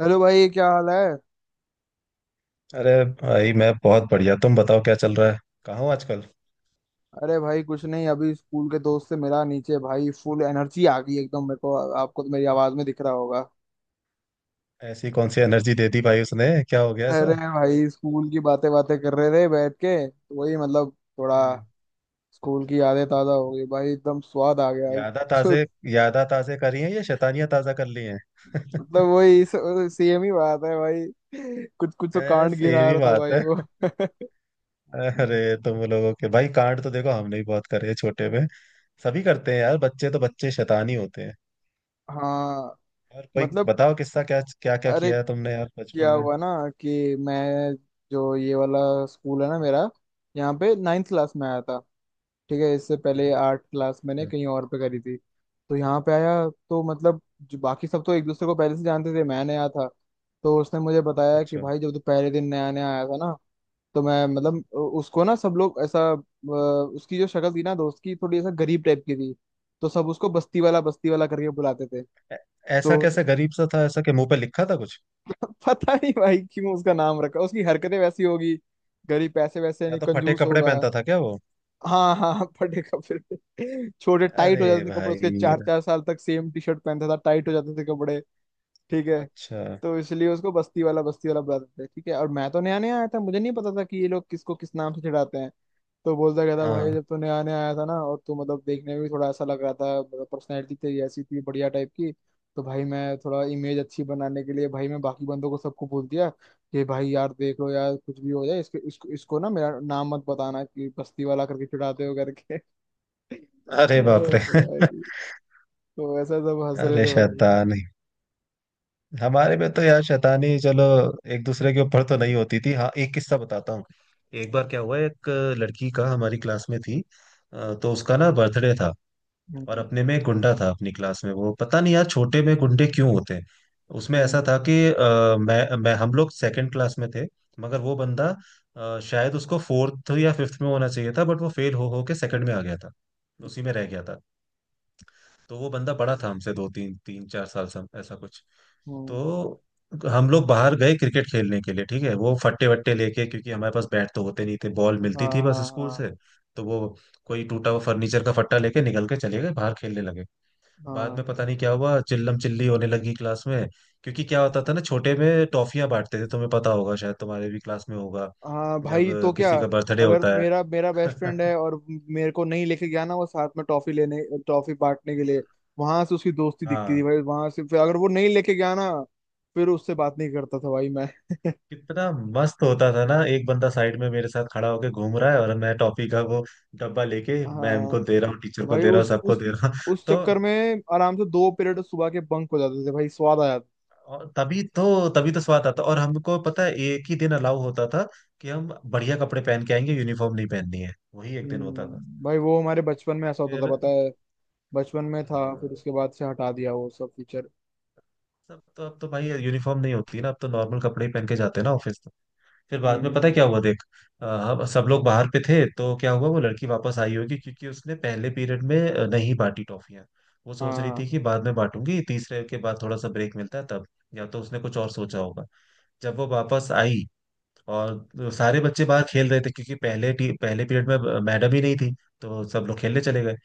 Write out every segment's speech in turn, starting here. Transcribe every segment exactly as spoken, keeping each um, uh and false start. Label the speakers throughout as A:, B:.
A: Hello भाई, क्या हाल है।
B: अरे भाई, मैं बहुत बढ़िया। तुम बताओ क्या चल रहा है। कहाँ हो आजकल?
A: अरे भाई, कुछ नहीं, अभी स्कूल के दोस्त से मिला नीचे, भाई फुल एनर्जी आ गई एकदम मेरे को। आपको तो मेरी आवाज में दिख रहा होगा।
B: ऐसी कौन सी एनर्जी दे दी भाई उसने, क्या हो गया
A: अरे
B: ऐसा?
A: भाई, स्कूल की बातें बातें कर रहे थे बैठ के, तो वही मतलब, थोड़ा।
B: हम्म।
A: स्कूल की यादें ताजा हो गई भाई, एकदम स्वाद आ गया।
B: यादा
A: जो
B: ताजे। यादा ताजे करी हैं या शैतानियां ताजा कर ली हैं?
A: मतलब वही, सेम ही बात है भाई, कुछ कुछ तो कांड
B: ऐसे ये
A: गिरा
B: भी
A: रहा था
B: बात
A: भाई
B: है।
A: वो।
B: अरे तुम लोगों के भाई कांड तो देखो, हमने भी बहुत करे हैं छोटे में। सभी करते हैं यार, बच्चे तो बच्चे शैतान ही होते हैं।
A: हाँ।
B: और कोई
A: मतलब,
B: बताओ किस्सा, क्या क्या क्या
A: अरे
B: किया है तुमने यार बचपन
A: क्या
B: में?
A: हुआ ना, कि मैं, जो ये वाला स्कूल है ना मेरा, यहाँ पे नाइन्थ क्लास में आया था। ठीक है, इससे पहले
B: हम्म,
A: आठ क्लास मैंने
B: अच्छा।
A: कहीं और पे करी थी। तो यहाँ पे आया, तो मतलब जो बाकी सब तो एक दूसरे को पहले से जानते थे, मैं नया था। तो उसने मुझे बताया कि
B: अच्छा।
A: भाई, जब तू पहले दिन नया नया आया था ना, तो मैं मतलब उ- उसको ना सब लोग ऐसा अ, उसकी जो शक्ल थी ना दोस्त की, थोड़ी ऐसा गरीब टाइप की थी, तो सब उसको बस्ती वाला बस्ती वाला करके बुलाते थे।
B: ऐ- ऐसा
A: तो
B: कैसे गरीब सा था ऐसा कि मुंह पे लिखा था कुछ?
A: पता नहीं भाई क्यों उसका नाम रखा, उसकी हरकतें वैसी होगी, गरीब पैसे वैसे
B: या
A: नहीं,
B: तो फटे
A: कंजूस
B: कपड़े
A: होगा।
B: पहनता था क्या वो?
A: हाँ हाँ, फटे कपड़े, छोटे टाइट
B: अरे
A: हो जाते थे कपड़े
B: भाई।
A: उसके, चार चार साल तक सेम टी शर्ट पहनता था, टाइट हो जाते थे कपड़े। ठीक है।
B: अच्छा।
A: तो इसलिए उसको बस्ती वाला बस्ती वाला बुलाते थे। ठीक है, और मैं तो नया नया आया था, मुझे नहीं पता था कि ये लोग किसको किस नाम से चिढ़ाते हैं। तो बोलता कहता
B: हाँ।
A: भाई, जब तू नया नया आया था ना, और तू मतलब देखने में भी थोड़ा ऐसा लग रहा था, मतलब पर्सनैलिटी तेरी ऐसी थी बढ़िया टाइप की। तो भाई मैं थोड़ा इमेज अच्छी बनाने के लिए, भाई मैं बाकी बंदों को सबको बोल दिया कि भाई यार देख लो यार, कुछ भी हो जाए इसके, इसको इसको ना मेरा नाम मत बताना कि बस्ती वाला करके चिढ़ाते हो करके।
B: अरे
A: ओ
B: बाप रे।
A: भाई। तो ऐसा सब हंस रहे
B: अरे
A: थे भाई।
B: शैतानी। हमारे में तो यार शैतानी, चलो एक दूसरे के ऊपर तो नहीं होती थी। हाँ, एक किस्सा बताता हूँ। एक बार क्या हुआ, एक लड़की का हमारी क्लास में थी, अ, तो उसका ना बर्थडे था। और
A: हम्म।
B: अपने में एक गुंडा था अपनी क्लास में, वो पता नहीं यार छोटे में गुंडे क्यों होते हैं। उसमें ऐसा
A: हम्म।
B: था कि अ, मैं मैं हम लोग सेकंड क्लास में थे। मगर वो बंदा, अ, शायद उसको फोर्थ या फिफ्थ में होना चाहिए था बट वो फेल हो हो के सेकंड में आ गया था, उसी में रह गया था। तो वो बंदा बड़ा था हमसे, दो तीन तीन चार साल से ऐसा कुछ।
A: हम्म।
B: तो हम लोग बाहर गए क्रिकेट खेलने के लिए, ठीक है, वो फट्टे वट्टे लेके, क्योंकि हमारे पास बैट तो होते नहीं थे, बॉल मिलती
A: हाँ
B: थी बस
A: हाँ
B: स्कूल
A: हाँ।
B: से। तो वो कोई टूटा हुआ फर्नीचर का फट्टा लेके निकल के चले गए, बाहर खेलने लगे। बाद में
A: हाँ
B: पता नहीं क्या हुआ, चिल्लम चिल्ली होने लगी क्लास में। क्योंकि क्या होता था ना, छोटे में टॉफियां बांटते थे, तुम्हें पता होगा शायद, तुम्हारे भी क्लास में होगा
A: हाँ भाई तो
B: जब
A: क्या,
B: किसी का बर्थडे
A: अगर
B: होता है।
A: मेरा मेरा बेस्ट फ्रेंड है और मेरे को नहीं लेके गया ना वो साथ में टॉफी लेने, टॉफी बांटने के लिए, वहां से उसकी दोस्ती दिखती थी
B: हाँ।
A: भाई। वहां से फिर अगर वो नहीं लेके गया ना, फिर उससे बात नहीं करता था भाई मैं।
B: कितना मस्त होता था ना, एक बंदा साइड में मेरे साथ खड़ा होके घूम रहा है और मैं टॉफी का वो डब्बा लेके मैम
A: हाँ
B: को दे रहा हूँ, टीचर को
A: भाई,
B: दे रहा हूँ,
A: उस
B: सबको
A: उस
B: दे रहा हूँ।
A: उस
B: तो।
A: चक्कर में आराम से दो पीरियड सुबह के बंक हो जाते थे भाई, स्वाद आ जाता।
B: और तभी तो तभी तो स्वाद आता, और हमको पता है एक ही दिन अलाउ होता था कि हम बढ़िया कपड़े पहन के आएंगे, यूनिफॉर्म नहीं पहननी है, वही एक दिन होता था।
A: हम्म, भाई वो हमारे बचपन में
B: तो
A: ऐसा होता था
B: फिर।
A: पता है, बचपन में था, फिर
B: हाँ।
A: उसके बाद से हटा दिया वो सब फीचर।
B: सब तो अब तो भाई यूनिफॉर्म नहीं होती ना, अब तो नॉर्मल कपड़े ही पहन के जाते हैं ना ऑफिस तो। फिर बाद में पता है
A: हम्म।
B: क्या हुआ देख, अ, हम सब लोग बाहर पे थे तो क्या हुआ, वो लड़की वापस आई होगी क्योंकि उसने पहले पीरियड में अ, नहीं बांटी टॉफियां। वो सोच रही
A: हाँ
B: थी कि बाद में बांटूंगी, तीसरे के बाद थोड़ा सा ब्रेक मिलता है तब, या तो उसने कुछ और सोचा होगा। जब वो वापस आई और सारे बच्चे बाहर खेल रहे थे क्योंकि पहले टी, पहले पीरियड में मैडम ही नहीं थी, तो सब लोग खेलने चले गए।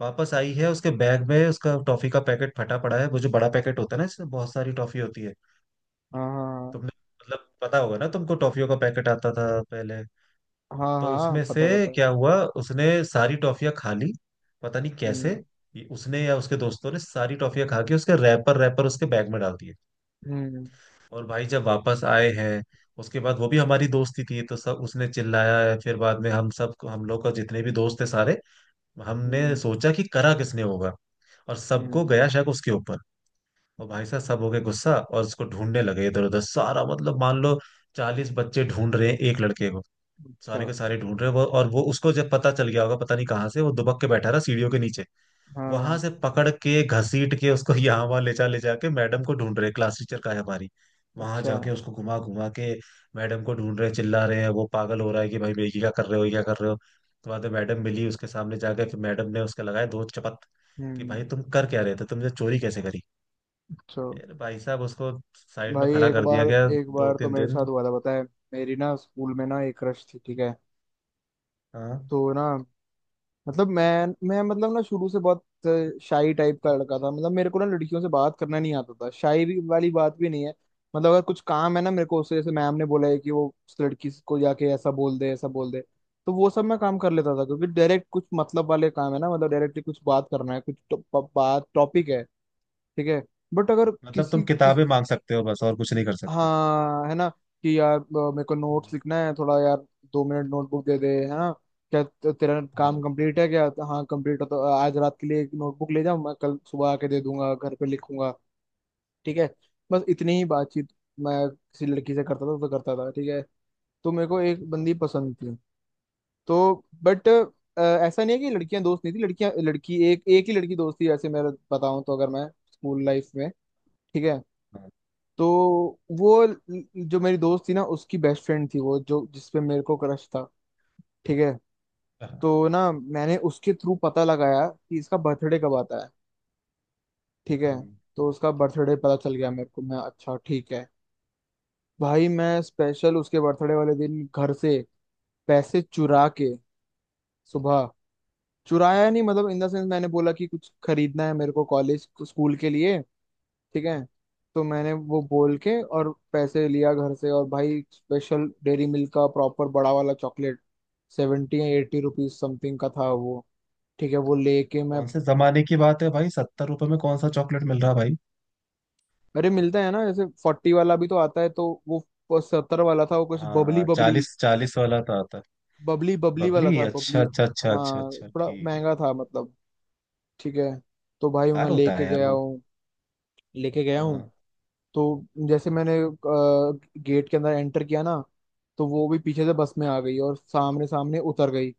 B: वापस आई है, उसके बैग में उसका टॉफी का पैकेट फटा पड़ा है, वो जो बड़ा पैकेट होता है ना, इसमें बहुत सारी टॉफी होती है।
A: हाँ
B: तुमने, मतलब पता होगा ना तुमको, टॉफियों का पैकेट आता था पहले।
A: हाँ।
B: तो
A: हाँ हाँ,
B: उसमें से
A: पता पता।
B: क्या हुआ, उसने सारी टॉफियां खा ली, पता नहीं कैसे।
A: हम्म।
B: ये- उसने या उसके दोस्तों ने सारी टॉफियां खा के उसके रैपर रैपर उसके बैग में डाल दिए।
A: हम्म।
B: और भाई जब वापस आए हैं उसके बाद, वो भी हमारी दोस्ती थी, तो सब, उसने चिल्लाया है। फिर बाद में हम सब हम लोग का जितने भी दोस्त थे सारे, हमने
A: हम्म।
B: सोचा कि करा किसने होगा, और सबको
A: हम्म,
B: गया शक उसके ऊपर। और भाई साहब सब हो गए गुस्सा और उसको ढूंढने लगे इधर उधर, सारा मतलब, मान लो चालीस बच्चे ढूंढ रहे हैं एक लड़के को। सारे
A: अच्छा।
B: के सारे ढूंढ रहे हैं वो, और वो उसको जब पता चल गया होगा पता नहीं कहाँ से, वो दुबक के बैठा रहा सीढ़ियों के नीचे। वहां
A: हाँ।
B: से पकड़ के घसीट के उसको यहाँ वहां ले जा ले जाके मैडम को ढूंढ रहे, क्लास टीचर का है हमारी। वहां
A: अच्छा।
B: जाके उसको घुमा घुमा के मैडम को ढूंढ रहे, चिल्ला रहे हैं। वो पागल हो रहा है कि भाई भाई क्या कर रहे हो, ये क्या कर रहे हो। तो बाद में मैडम मिली, उसके सामने जाकर फिर मैडम ने उसके लगाया दो चपत कि
A: हम्म।
B: भाई तुम कर क्या रहे थे, तुमने चोरी कैसे करी।
A: अच्छा
B: फिर भाई साहब उसको साइड में
A: भाई,
B: खड़ा
A: एक
B: कर दिया
A: बार,
B: गया
A: एक
B: दो
A: बार तो
B: तीन
A: मेरे
B: दिन
A: साथ हुआ था पता है। मेरी ना स्कूल में ना एक क्रश थी। ठीक है,
B: हाँ।
A: तो ना, मतलब मैं मैं मतलब ना, शुरू से बहुत शाई टाइप का लड़का था। मतलब मेरे को ना लड़कियों से बात करना नहीं आता था, शाई भी वाली बात भी नहीं है। मतलब अगर कुछ काम है ना मेरे को उससे, जैसे मैम ने बोला है कि वो उस लड़की को जाके ऐसा बोल दे, ऐसा बोल दे, तो वो सब मैं काम कर लेता था, क्योंकि डायरेक्ट कुछ मतलब वाले काम है ना, मतलब डायरेक्टली कुछ बात करना है, कुछ टॉप- बात, टॉपिक है, ठीक है। बट अगर
B: मतलब तुम
A: किसी किस
B: किताबें मांग सकते हो बस, और कुछ नहीं कर सकते।
A: हाँ है ना, कि यार, अ, मेरे को
B: हम्म।
A: नोट्स लिखना है थोड़ा यार, दो मिनट नोटबुक दे दे, है ना। क्या ते- तेरा काम
B: हाँ
A: कंप्लीट है क्या, तो हाँ कंप्लीट है, तो आज रात के लिए एक नोटबुक ले जाऊँ मैं, कल सुबह आके दे दूंगा, घर पे लिखूंगा। ठीक है, बस इतनी ही बातचीत मैं किसी लड़की से करता था, तो करता था। ठीक है, तो मेरे को एक बंदी पसंद थी, तो बट ऐसा नहीं है कि लड़कियां दोस्त नहीं थी, लड़कियां लड़की एक एक ही लड़की दोस्त थी ऐसे, मैं बताऊं तो, अगर मैं स्कूल लाइफ में। ठीक है।
B: हाँ
A: तो वो ल- जो मेरी दोस्त थी ना उसकी बेस्ट फ्रेंड थी वो, जो जिसपे मेरे को क्रश था। ठीक है,
B: हाँ,
A: तो ना मैंने उसके थ्रू पता लगाया कि इसका बर्थडे कब आता है। ठीक है,
B: हम्म।
A: तो उसका बर्थडे पता चल गया मेरे को, मैं अच्छा ठीक है। भाई मैं स्पेशल उसके बर्थडे वाले दिन घर से पैसे चुरा के, सुबह, चुराया नहीं मतलब इन द सेंस, मैंने बोला कि कुछ खरीदना है मेरे को कॉलेज स्कूल के लिए। ठीक है, तो मैंने वो बोल के और पैसे लिया घर से, और भाई स्पेशल डेयरी मिल्क का प्रॉपर बड़ा वाला चॉकलेट, सेवेंटी या एट्टी रुपीज समथिंग का था वो। ठीक है, वो लेके मैं
B: कौन से जमाने की बात है भाई, सत्तर रुपए में कौन सा चॉकलेट मिल रहा भाई?
A: अरे मिलता है ना, जैसे फोर्टी वाला भी तो आता है, तो वो सत्तर वाला था, वो कुछ बबली
B: हाँ,
A: बबली
B: चालीस चालीस वाला था था।
A: बबली बबली वाला
B: बबली।
A: था, बबली।
B: अच्छा अच्छा अच्छा अच्छा
A: हाँ,
B: अच्छा,
A: थोड़ा
B: ठीक है
A: महंगा
B: ठीक है।
A: था मतलब। ठीक है, तो भाई मैं
B: बेकार होता
A: लेके
B: है यार
A: गया
B: वो।
A: हूँ लेके गया हूँ।
B: हाँ।
A: तो जैसे मैंने गेट के अंदर एंटर किया ना, तो वो भी पीछे से बस में आ गई, और सामने सामने उतर गई।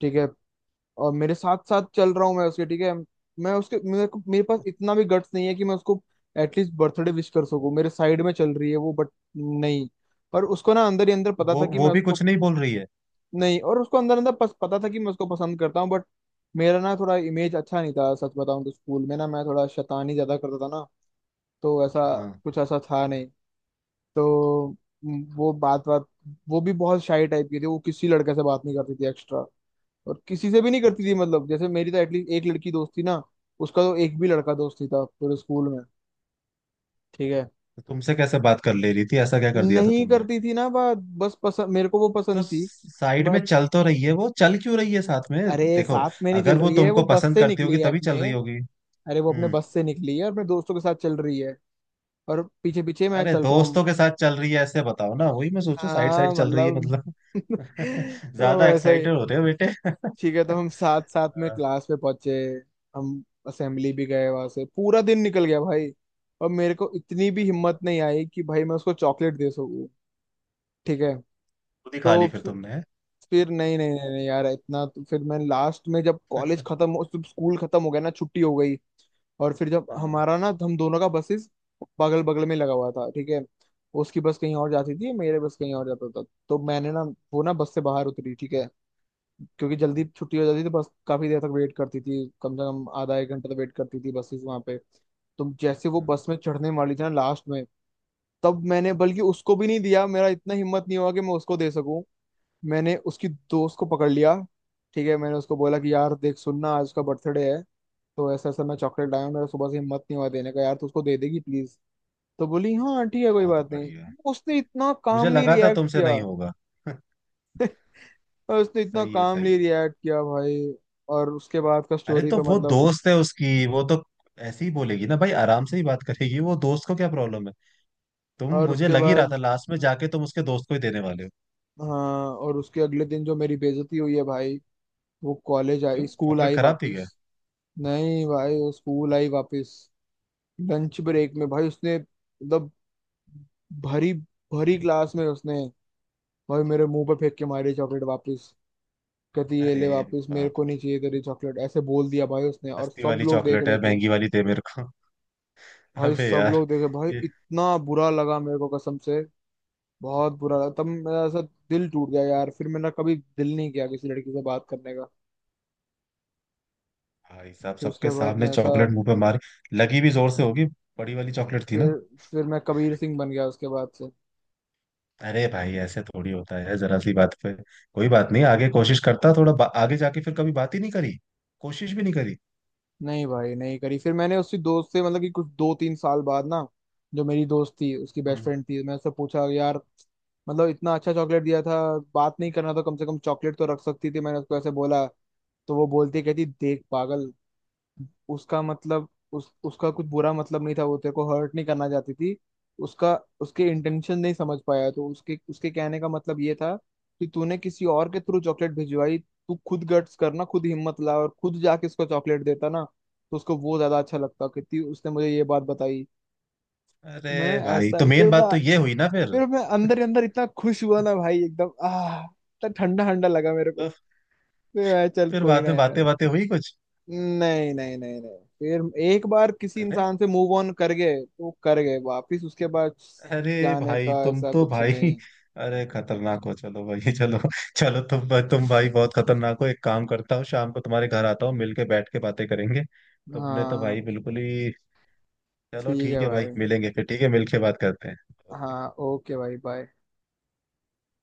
A: ठीक है, और मेरे साथ साथ चल रहा हूँ मैं उसके। ठीक है, मैं उसके मेरे को, मेरे पास इतना भी गट्स नहीं है कि मैं उसको एटलीस्ट बर्थडे विश कर सकूं, मेरे साइड में चल रही है वो बट नहीं। पर उसको ना अंदर ही अंदर
B: तो
A: पता
B: वो
A: था कि
B: वो
A: मैं
B: भी
A: उसको,
B: कुछ नहीं बोल रही है?
A: नहीं, और उसको अंदर अंदर पस, पता था कि मैं उसको पसंद करता हूँ, बट मेरा ना थोड़ा इमेज अच्छा नहीं था, सच बताऊं तो स्कूल में ना मैं थोड़ा शैतानी ज्यादा करता था ना। तो ऐसा
B: हाँ।
A: कुछ ऐसा था नहीं। तो म, वो बात बात वो भी बहुत शाई टाइप की थी, वो किसी लड़के से बात नहीं करती थी एक्स्ट्रा और किसी से भी नहीं करती थी,
B: अच्छा।
A: मतलब जैसे मेरी तो एटलीस्ट एक लड़की दोस्त थी ना, उसका तो एक भी लड़का दोस्त ही था पूरे स्कूल में। ठीक है,
B: तो तुमसे कैसे बात कर ले रही थी, ऐसा क्या कर दिया था
A: नहीं
B: तुमने?
A: करती थी ना बात, बस पसंद, मेरे को वो
B: तो
A: पसंद थी।
B: साइड
A: मैं,
B: में चल तो रही है वो, चल क्यों रही है साथ में?
A: अरे
B: देखो,
A: साथ में नहीं चल
B: अगर वो
A: रही है वो,
B: तुमको
A: बस
B: पसंद
A: से
B: करती
A: निकली
B: होगी
A: है
B: तभी चल
A: अपने।
B: रही होगी।
A: अरे वो अपने
B: हम्म।
A: बस से निकली है और अपने दोस्तों के साथ चल रही है, और पीछे पीछे मैं
B: अरे
A: चल रहा हूँ।
B: दोस्तों के साथ चल रही है ऐसे बताओ ना, वही मैं सोचू साइड
A: हाँ
B: साइड चल रही है
A: मतलब।
B: मतलब।
A: तो
B: ज्यादा
A: वैसा ही।
B: एक्साइटेड हो रहे हो बेटे।
A: ठीक है, तो हम साथ साथ में
B: अच्छा,
A: क्लास पे पहुंचे, हम असेंबली भी गए, वहां से पूरा दिन निकल गया भाई, और मेरे को इतनी भी हिम्मत नहीं आई कि भाई मैं उसको चॉकलेट दे सकूं। ठीक है,
B: खुद ही खा
A: तो
B: ली फिर
A: फि-
B: तुमने, हैं?
A: फिर नहीं नहीं नहीं, नहीं यार, इतना तो, फिर मैं लास्ट में जब कॉलेज खत्म हो, जब स्कूल खत्म हो गया ना, छुट्टी हो गई, और फिर जब
B: हाँ,
A: हमारा ना हम दोनों का बसेस बगल बगल में लगा हुआ था। ठीक है, उसकी बस कहीं और जाती थी, मेरे बस कहीं और जाता था। तो मैंने ना, वो ना बस से बाहर उतरी। ठीक है, क्योंकि जल्दी छुट्टी हो जाती थी, बस काफी देर तक वेट करती थी, कम से कम आधा एक घंटा तो वेट करती थी बसेस वहां पे। तो जैसे वो
B: हाँ,
A: बस में चढ़ने वाली थी ना लास्ट में, तब मैंने, बल्कि उसको भी नहीं दिया, मेरा इतना हिम्मत नहीं हुआ कि मैं उसको दे सकूं, मैंने उसकी दोस्त को पकड़ लिया। ठीक है, मैंने उसको बोला कि यार देख सुनना, आज उसका बर्थडे है, तो ऐसा ऐसा मैं चॉकलेट लाया हूं, मेरा सुबह से हिम्मत नहीं हुआ देने का यार, तो उसको दे देगी प्लीज। तो बोली हाँ ठीक है, कोई
B: बहुत
A: बात नहीं,
B: बढ़िया।
A: उसने इतना
B: मुझे
A: कामली
B: लगा था
A: रिएक्ट
B: तुमसे
A: किया।
B: नहीं होगा।
A: और उसने इतना
B: सही है सही
A: कामली
B: है।
A: रिएक्ट किया भाई। और उसके बाद का
B: अरे
A: स्टोरी
B: तो
A: तो
B: वो
A: मतलब,
B: दोस्त है उसकी, वो तो ऐसे ही बोलेगी ना भाई, आराम से ही बात करेगी, वो दोस्त को क्या प्रॉब्लम है। तुम,
A: और
B: मुझे
A: उसके
B: लग ही रहा
A: बाद,
B: था लास्ट में जाके तुम उसके दोस्त को ही देने वाले हो।
A: हाँ, और उसके अगले दिन जो मेरी बेइज्जती हुई है भाई, वो कॉलेज
B: क्यों,
A: आई स्कूल
B: चॉकलेट
A: आई
B: खराब थी क्या?
A: वापस, नहीं भाई वो स्कूल आई वापस। लंच ब्रेक में भाई उसने मतलब भरी, भरी क्लास में उसने भाई मेरे मुंह पर फेंक के मारी चॉकलेट वापस, कहती ये
B: अरे
A: ले वापस, मेरे
B: बाप
A: को
B: रे,
A: नहीं चाहिए तेरी चॉकलेट, ऐसे बोल दिया भाई उसने, और
B: सस्ती
A: सब
B: वाली
A: लोग देख
B: चॉकलेट
A: रहे
B: है
A: थे।
B: महंगी वाली दे मेरे को।
A: भाई
B: अबे
A: सब
B: यार,
A: लोग देखे भाई,
B: ये
A: इतना बुरा लगा मेरे को कसम से, बहुत बुरा लगा, तब मेरा ऐसा दिल टूट गया यार, फिर मैंने कभी दिल नहीं किया किसी लड़की से बात करने का।
B: भाई साहब
A: फिर उसके
B: सबके
A: बाद
B: सामने
A: मैं ऐसा,
B: चॉकलेट मुंह पे मारी। लगी भी जोर से होगी, बड़ी वाली चॉकलेट थी ना।
A: फिर फिर मैं कबीर सिंह बन गया उसके बाद से।
B: अरे भाई ऐसे थोड़ी होता है जरा सी बात पे। कोई बात नहीं, आगे कोशिश करता थोड़ा बा- आगे जाके फिर कभी बात ही नहीं करी, कोशिश भी नहीं करी।
A: नहीं भाई, नहीं करी, फिर मैंने उसकी दोस्त से मतलब, कि कुछ दो तीन साल बाद ना जो मेरी दोस्त थी उसकी बेस्ट
B: हम्म।
A: फ्रेंड थी, मैं उससे पूछा यार, मतलब इतना अच्छा चॉकलेट दिया था, बात नहीं करना तो कम से कम चॉकलेट तो रख सकती थी, मैंने उसको ऐसे बोला। तो वो बोलती कहती देख पागल, उसका मतलब उस उसका कुछ बुरा मतलब नहीं था, वो तेरे को हर्ट नहीं करना चाहती थी, उसका उसके इंटेंशन नहीं समझ पाया, तो उसके उसके कहने का मतलब ये था कि तूने किसी और के थ्रू चॉकलेट भिजवाई, तू खुद गट्स करना, खुद हिम्मत ला और खुद जाके उसको चॉकलेट देता ना, तो उसको वो ज्यादा अच्छा लगता, कितनी उसने मुझे ये बात बताई।
B: अरे
A: मैं
B: भाई, तो
A: ऐसा फिर
B: मेन बात
A: मैं
B: तो ये हुई ना फिर।
A: फिर मैं अंदर ही अंदर इतना खुश हुआ ना भाई, एकदम आह इतना ठंडा ठंडा लगा मेरे को।
B: तो
A: फिर मैं, चल
B: फिर
A: कोई
B: बाद
A: ना
B: में
A: यार,
B: बातें बातें हुई कुछ?
A: नहीं नहीं नहीं नहीं, फिर एक बार किसी
B: अरे।
A: इंसान से मूव ऑन कर गए तो कर गए, वापिस उसके बाद
B: अरे
A: जाने
B: भाई
A: का
B: तुम
A: ऐसा
B: तो
A: कुछ नहीं
B: भाई,
A: है।
B: अरे खतरनाक हो चलो भाई। चलो। चलो तुम तुम भाई बहुत खतरनाक हो। एक काम करता हूँ शाम को, तुम्हारे घर आता हूँ मिलके बैठ के बातें करेंगे। तुमने तो भाई
A: हाँ
B: बिल्कुल ही। चलो
A: ठीक
B: ठीक
A: है
B: है भाई,
A: भाई।
B: मिलेंगे फिर, ठीक है, मिलके बात करते हैं। ओके।
A: हाँ, ओके भाई, बाय।